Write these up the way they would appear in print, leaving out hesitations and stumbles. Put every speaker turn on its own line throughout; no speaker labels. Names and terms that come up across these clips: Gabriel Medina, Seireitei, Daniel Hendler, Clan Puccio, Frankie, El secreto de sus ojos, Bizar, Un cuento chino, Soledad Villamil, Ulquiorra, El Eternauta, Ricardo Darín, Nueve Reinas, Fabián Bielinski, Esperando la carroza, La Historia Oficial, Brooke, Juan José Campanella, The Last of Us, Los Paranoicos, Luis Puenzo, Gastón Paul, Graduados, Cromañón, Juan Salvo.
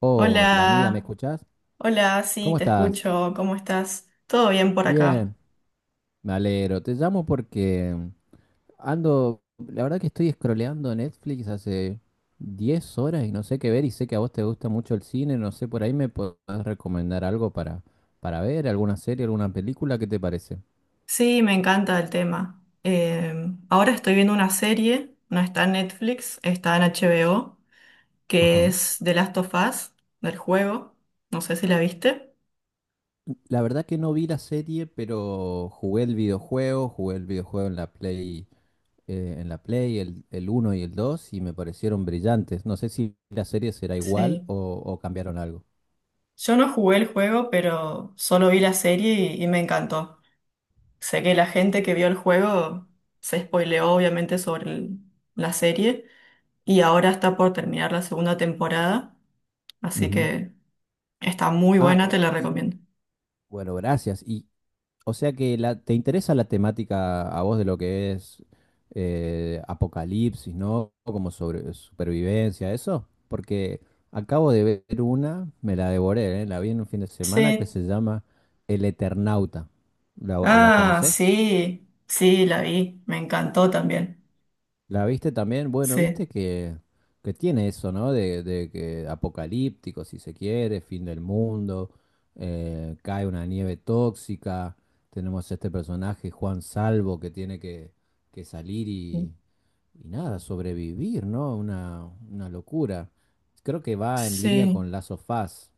Hola amiga, ¿me
Hola,
escuchás?
hola, sí,
¿Cómo
te
estás?
escucho, ¿cómo estás? ¿Todo bien por acá?
Bien, me alegro. Te llamo porque ando, la verdad que estoy scrolleando Netflix hace 10 horas y no sé qué ver, y sé que a vos te gusta mucho el cine, no sé, por ahí me podés recomendar algo para ver, alguna serie, alguna película, ¿qué te parece?
Sí, me encanta el tema. Ahora estoy viendo una serie, no está en Netflix, está en HBO, que
Ajá.
es The Last of Us, del juego. No sé si la viste.
La verdad que no vi la serie, pero jugué el videojuego en la Play, el uno y el dos, y me parecieron brillantes. No sé si la serie será igual
Sí,
o cambiaron algo.
yo no jugué el juego, pero solo vi la serie y, me encantó. Sé que la gente que vio el juego se spoileó obviamente sobre la serie y ahora está por terminar la segunda temporada, así
Ujú.
que... Está muy
Ah,
buena, te la
y y-
recomiendo.
bueno, gracias. Y, o sea que la, te interesa la temática a vos de lo que es apocalipsis, ¿no? Como sobre supervivencia, eso. Porque acabo de ver una, me la devoré, ¿eh? La vi en un fin de semana, que
Sí.
se llama El Eternauta. ¿La, la
Ah,
conoces?
sí, sí, la vi. Me encantó también.
¿La viste también? Bueno, viste
Sí.
que tiene eso, ¿no? De que apocalíptico, si se quiere, fin del mundo, cae una nieve tóxica, tenemos este personaje, Juan Salvo, que tiene que salir y nada, sobrevivir, ¿no? Una locura. Creo que va en línea
Sí.
con Lazo of Us.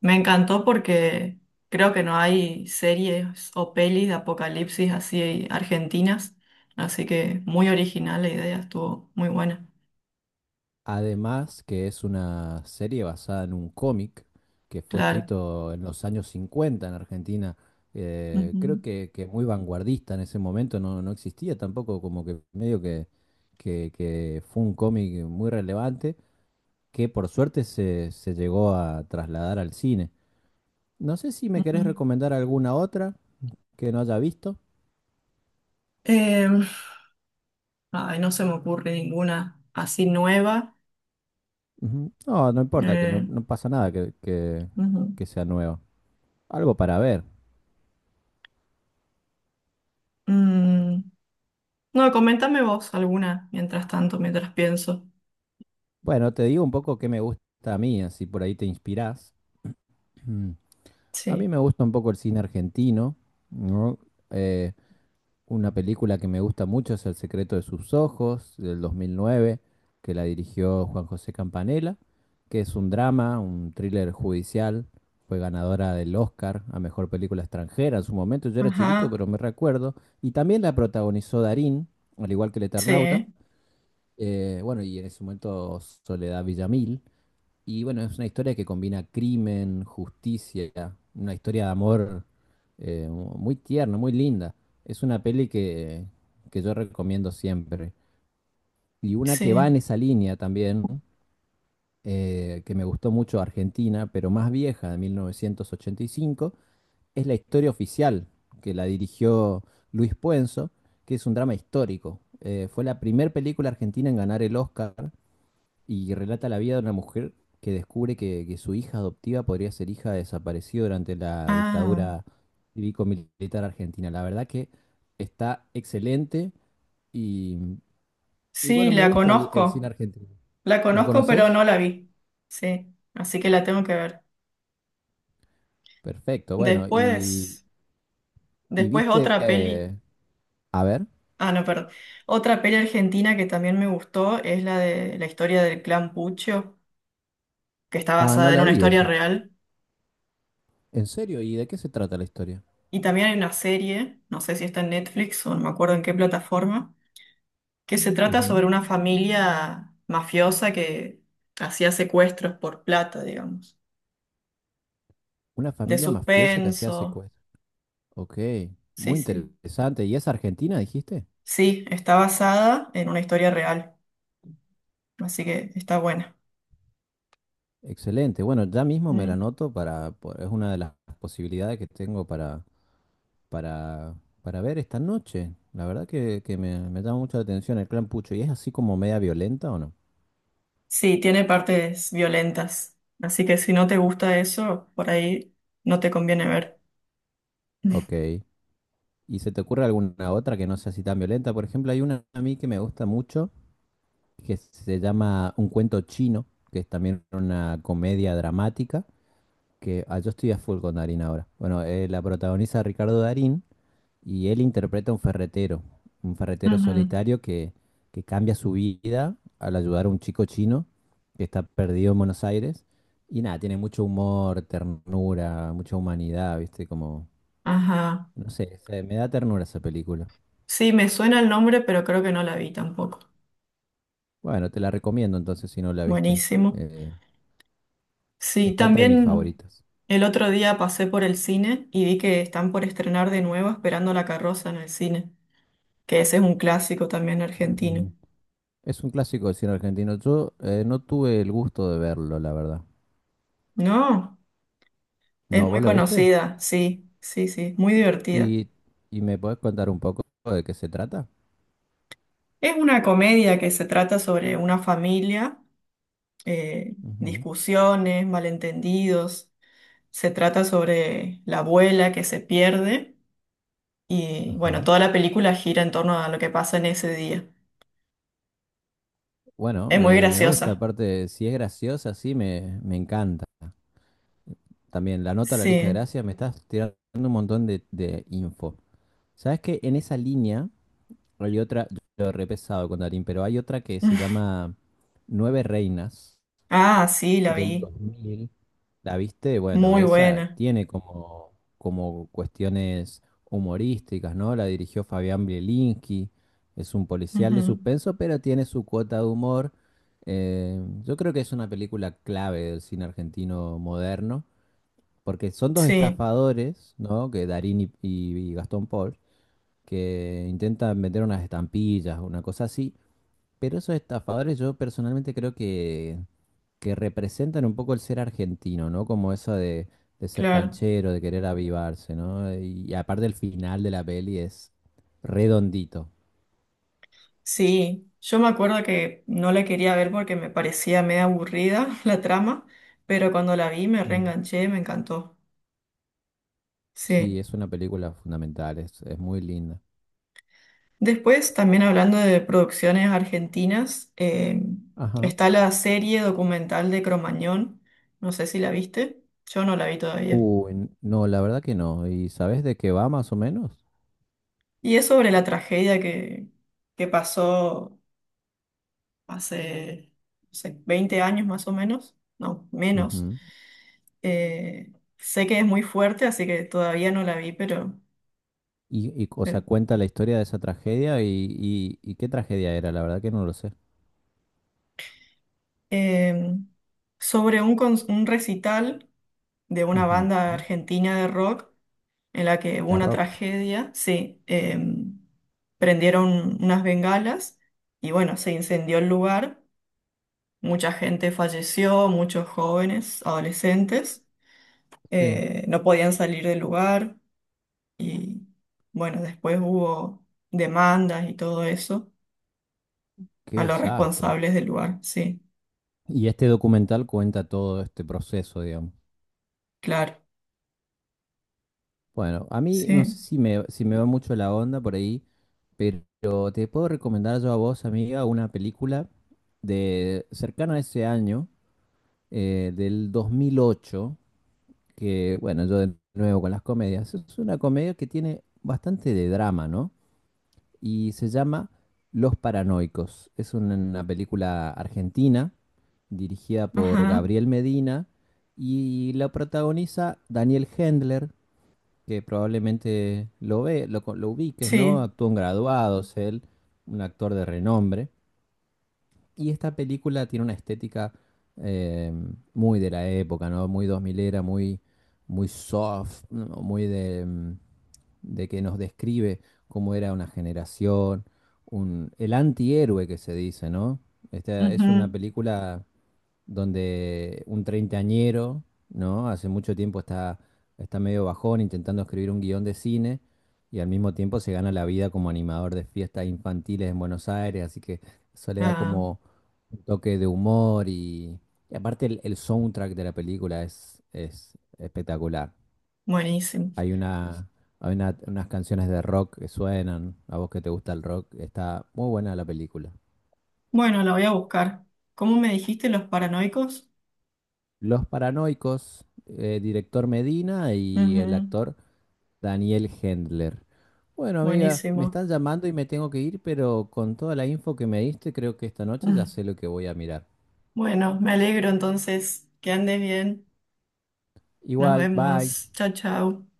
Me encantó porque creo que no hay series o pelis de apocalipsis así argentinas. Así que muy original la idea, estuvo muy buena.
Además, que es una serie basada en un cómic que fue
Claro.
escrito en los años 50 en Argentina. Creo
Ujú,
que muy vanguardista en ese momento, no, no existía tampoco, como que medio que, que fue un cómic muy relevante, que por suerte se, se llegó a trasladar al cine. No sé si me
ujú.
querés recomendar alguna otra que no haya visto.
Eh, Ay, no se me ocurre ninguna así nueva.
Ujú. No, no importa, que no,
Eh,
no pasa nada que,
Ujú.
que sea nueva. Algo para ver.
Mm. No, coméntame vos alguna mientras tanto, mientras pienso.
Bueno, te digo un poco qué me gusta a mí, así por ahí te inspirás. Mm. A mí
Sí.
me gusta un poco el cine argentino, ¿no? Eh, una película que me gusta mucho es El secreto de sus ojos, del 2009, que la dirigió Juan José Campanella, que es un drama, un thriller judicial. Fue ganadora del Oscar a mejor película extranjera en su momento. Yo era chiquito,
Ajá.
pero me recuerdo. Y también la protagonizó Darín, al igual que El Eternauta.
Sí.
Bueno, y en ese momento Soledad Villamil. Y bueno, es una historia que combina crimen, justicia, una historia de amor, muy tierna, muy linda. Es una peli que yo recomiendo siempre. Y una que va
Sí.
en esa línea también, que me gustó mucho, Argentina, pero más vieja, de 1985, es La Historia Oficial, que la dirigió Luis Puenzo, que es un drama histórico. Fue la primera película argentina en ganar el Oscar, y relata la vida de una mujer que descubre que su hija adoptiva podría ser hija de desaparecido durante la
Ah.
dictadura cívico-militar argentina. La verdad que está excelente, y, y
Sí,
bueno, me
la
gusta el cine
conozco.
argentino.
La
¿La
conozco, pero
conoces?
no la vi. Sí. Así que la tengo que ver.
Perfecto, bueno,
Después,
y viste,
otra peli.
a ver,
Ah, no, perdón. Otra peli argentina que también me gustó es la de la historia del clan Puccio, que está
ah,
basada
no
en
la
una
vi
historia
esa.
real.
¿En serio? ¿Y de qué se trata la historia?
Y también hay una serie, no sé si está en Netflix o no me acuerdo en qué plataforma, que se trata
Ujú.
sobre una familia mafiosa que hacía secuestros por plata, digamos.
Una
De
familia mafiosa que hacía
suspenso.
secuestro. Ok,
Sí,
muy
sí.
interesante. ¿Y es Argentina, dijiste?
Sí, está basada en una historia real, así que está buena.
Excelente. Bueno, ya mismo me la
Mm.
anoto para, po- es una de las posibilidades que tengo para, para ver esta noche. La verdad que me llama mucho la atención el clan Pucho. ¿Y es así como media violenta o no?
Sí, tiene partes violentas, así que si no te gusta eso, por ahí no te conviene ver.
Ok. ¿Y se te ocurre alguna otra que no sea así tan violenta? Por ejemplo, hay una a mí que me gusta mucho, que se llama Un cuento chino, que es también una comedia dramática, que ah, yo estoy a full con Darín ahora. Bueno, la protagoniza Ricardo Darín. Y él interpreta a un ferretero
Ujú.
solitario que cambia su vida al ayudar a un chico chino que está perdido en Buenos Aires. Y nada, tiene mucho humor, ternura, mucha humanidad, ¿viste? Como,
Ajá.
no sé, se- me da ternura esa película.
Sí, me suena el nombre, pero creo que no la vi tampoco.
Bueno, te la recomiendo entonces si no la viste.
Buenísimo.
Eh,
Sí,
Está entre mis
también
favoritas.
el otro día pasé por el cine y vi que están por estrenar de nuevo Esperando la carroza en el cine, que ese es un clásico también argentino.
Mm. Es un clásico del cine argentino. Yo no tuve el gusto de verlo, la verdad.
No, es
¿No,
muy
vos lo viste?
conocida, sí, sí, sí, muy divertida.
¿Y, y me podés contar un poco de qué se trata?
Es una comedia que se trata sobre una familia,
Ujú.
discusiones, malentendidos. Se trata sobre la abuela que se pierde y bueno,
Ajá.
toda la película gira en torno a lo que pasa en ese día.
Bueno,
Es muy
me gusta,
graciosa.
aparte, si es graciosa, sí, me encanta. También la nota a la lista de
Sí.
gracias, me estás tirando un montón de info. ¿Sabes que en esa línea hay otra? Yo lo he repesado con Darín, pero hay otra que se llama Nueve Reinas,
Ah, sí, la vi.
del 2000, ¿la viste? Bueno,
Muy
esa
buena.
tiene como, como cuestiones humorísticas, ¿no? La dirigió Fabián Bielinski, es un policial de
Ujú.
suspenso, pero tiene su cuota de humor. Yo creo que es una película clave del cine argentino moderno, porque son dos
Sí,
estafadores, ¿no? Que Darín y, y Gastón Paul, que intentan vender unas estampillas, una cosa así. Pero esos estafadores yo personalmente creo que representan un poco el ser argentino, ¿no? Como eso de ser
claro.
canchero, de querer avivarse, ¿no? Y, aparte el final de la peli es redondito.
Sí, yo me acuerdo que no la quería ver porque me parecía medio aburrida la trama, pero cuando la vi me
Mm.
reenganché, me encantó.
Sí,
Sí.
es una película fundamental, es muy linda.
Después, también hablando de producciones argentinas,
Ajá.
está la serie documental de Cromañón. No sé si la viste. Yo no la vi todavía.
Uy, no, la verdad que no. ¿Y sabes de qué va más o menos?
Y es sobre la tragedia que, pasó hace, no sé, 20 años más o menos, no, menos.
Ujú.
Eh, Sé que es muy fuerte, así que todavía no la vi, pero,
Y, o sea,
pero,
cuenta la historia de esa tragedia y qué tragedia era, la verdad que no lo sé.
eh, sobre un, un recital de una
Ujú.
banda argentina de rock en la que hubo
Es
una
rock.
tragedia, sí, prendieron unas bengalas y bueno, se incendió el lugar. Mucha gente falleció, muchos jóvenes, adolescentes,
Sí,
no podían salir del lugar. Y bueno, después hubo demandas y todo eso
qué
a los
desastre.
responsables del lugar. Sí,
Y este documental cuenta todo este proceso, digamos.
claro.
Bueno, a mí no sé
Sí.
si me, si me va mucho la onda por ahí, pero te puedo recomendar yo a vos, amiga, una película de cercana a ese año, del 2008, que bueno, yo de nuevo con las comedias, es una comedia que tiene bastante de drama, ¿no? Y se llama Los Paranoicos. Es una película argentina dirigida por
Ajá.
Gabriel Medina y la protagoniza Daniel Hendler, que probablemente lo ve, lo ubiques, ¿no?
Sí.
Actuó en Graduados, él, un actor de renombre. Y esta película tiene una estética, eh, muy de la época, ¿no? Muy dos milera, muy, muy soft, ¿no? Muy de, de que nos describe cómo era una generación, un, el antihéroe que se dice, ¿no? Esta es una
Ujú.
película donde un treintañero, ¿no? Hace mucho tiempo está, está medio bajón intentando escribir un guión de cine, y al mismo tiempo se gana la vida como animador de fiestas infantiles en Buenos Aires, así que eso le da
Ah,
como un toque de humor, y aparte el soundtrack de la película es espectacular.
buenísimo.
Hay una, unas canciones de rock que suenan, a vos que te gusta el rock, está muy buena la película.
Bueno, la voy a buscar. ¿Cómo me dijiste, los paranoicos?
Los Paranoicos, director Medina y el
Ujú.
actor Daniel Hendler. Bueno, amiga, me
Buenísimo.
están llamando y me tengo que ir, pero con toda la info que me diste, creo que esta noche
Mm.
ya sé lo que voy a mirar.
Bueno, me alegro entonces. Que andes bien. Nos
Igual, bye.
vemos. Chao, chao.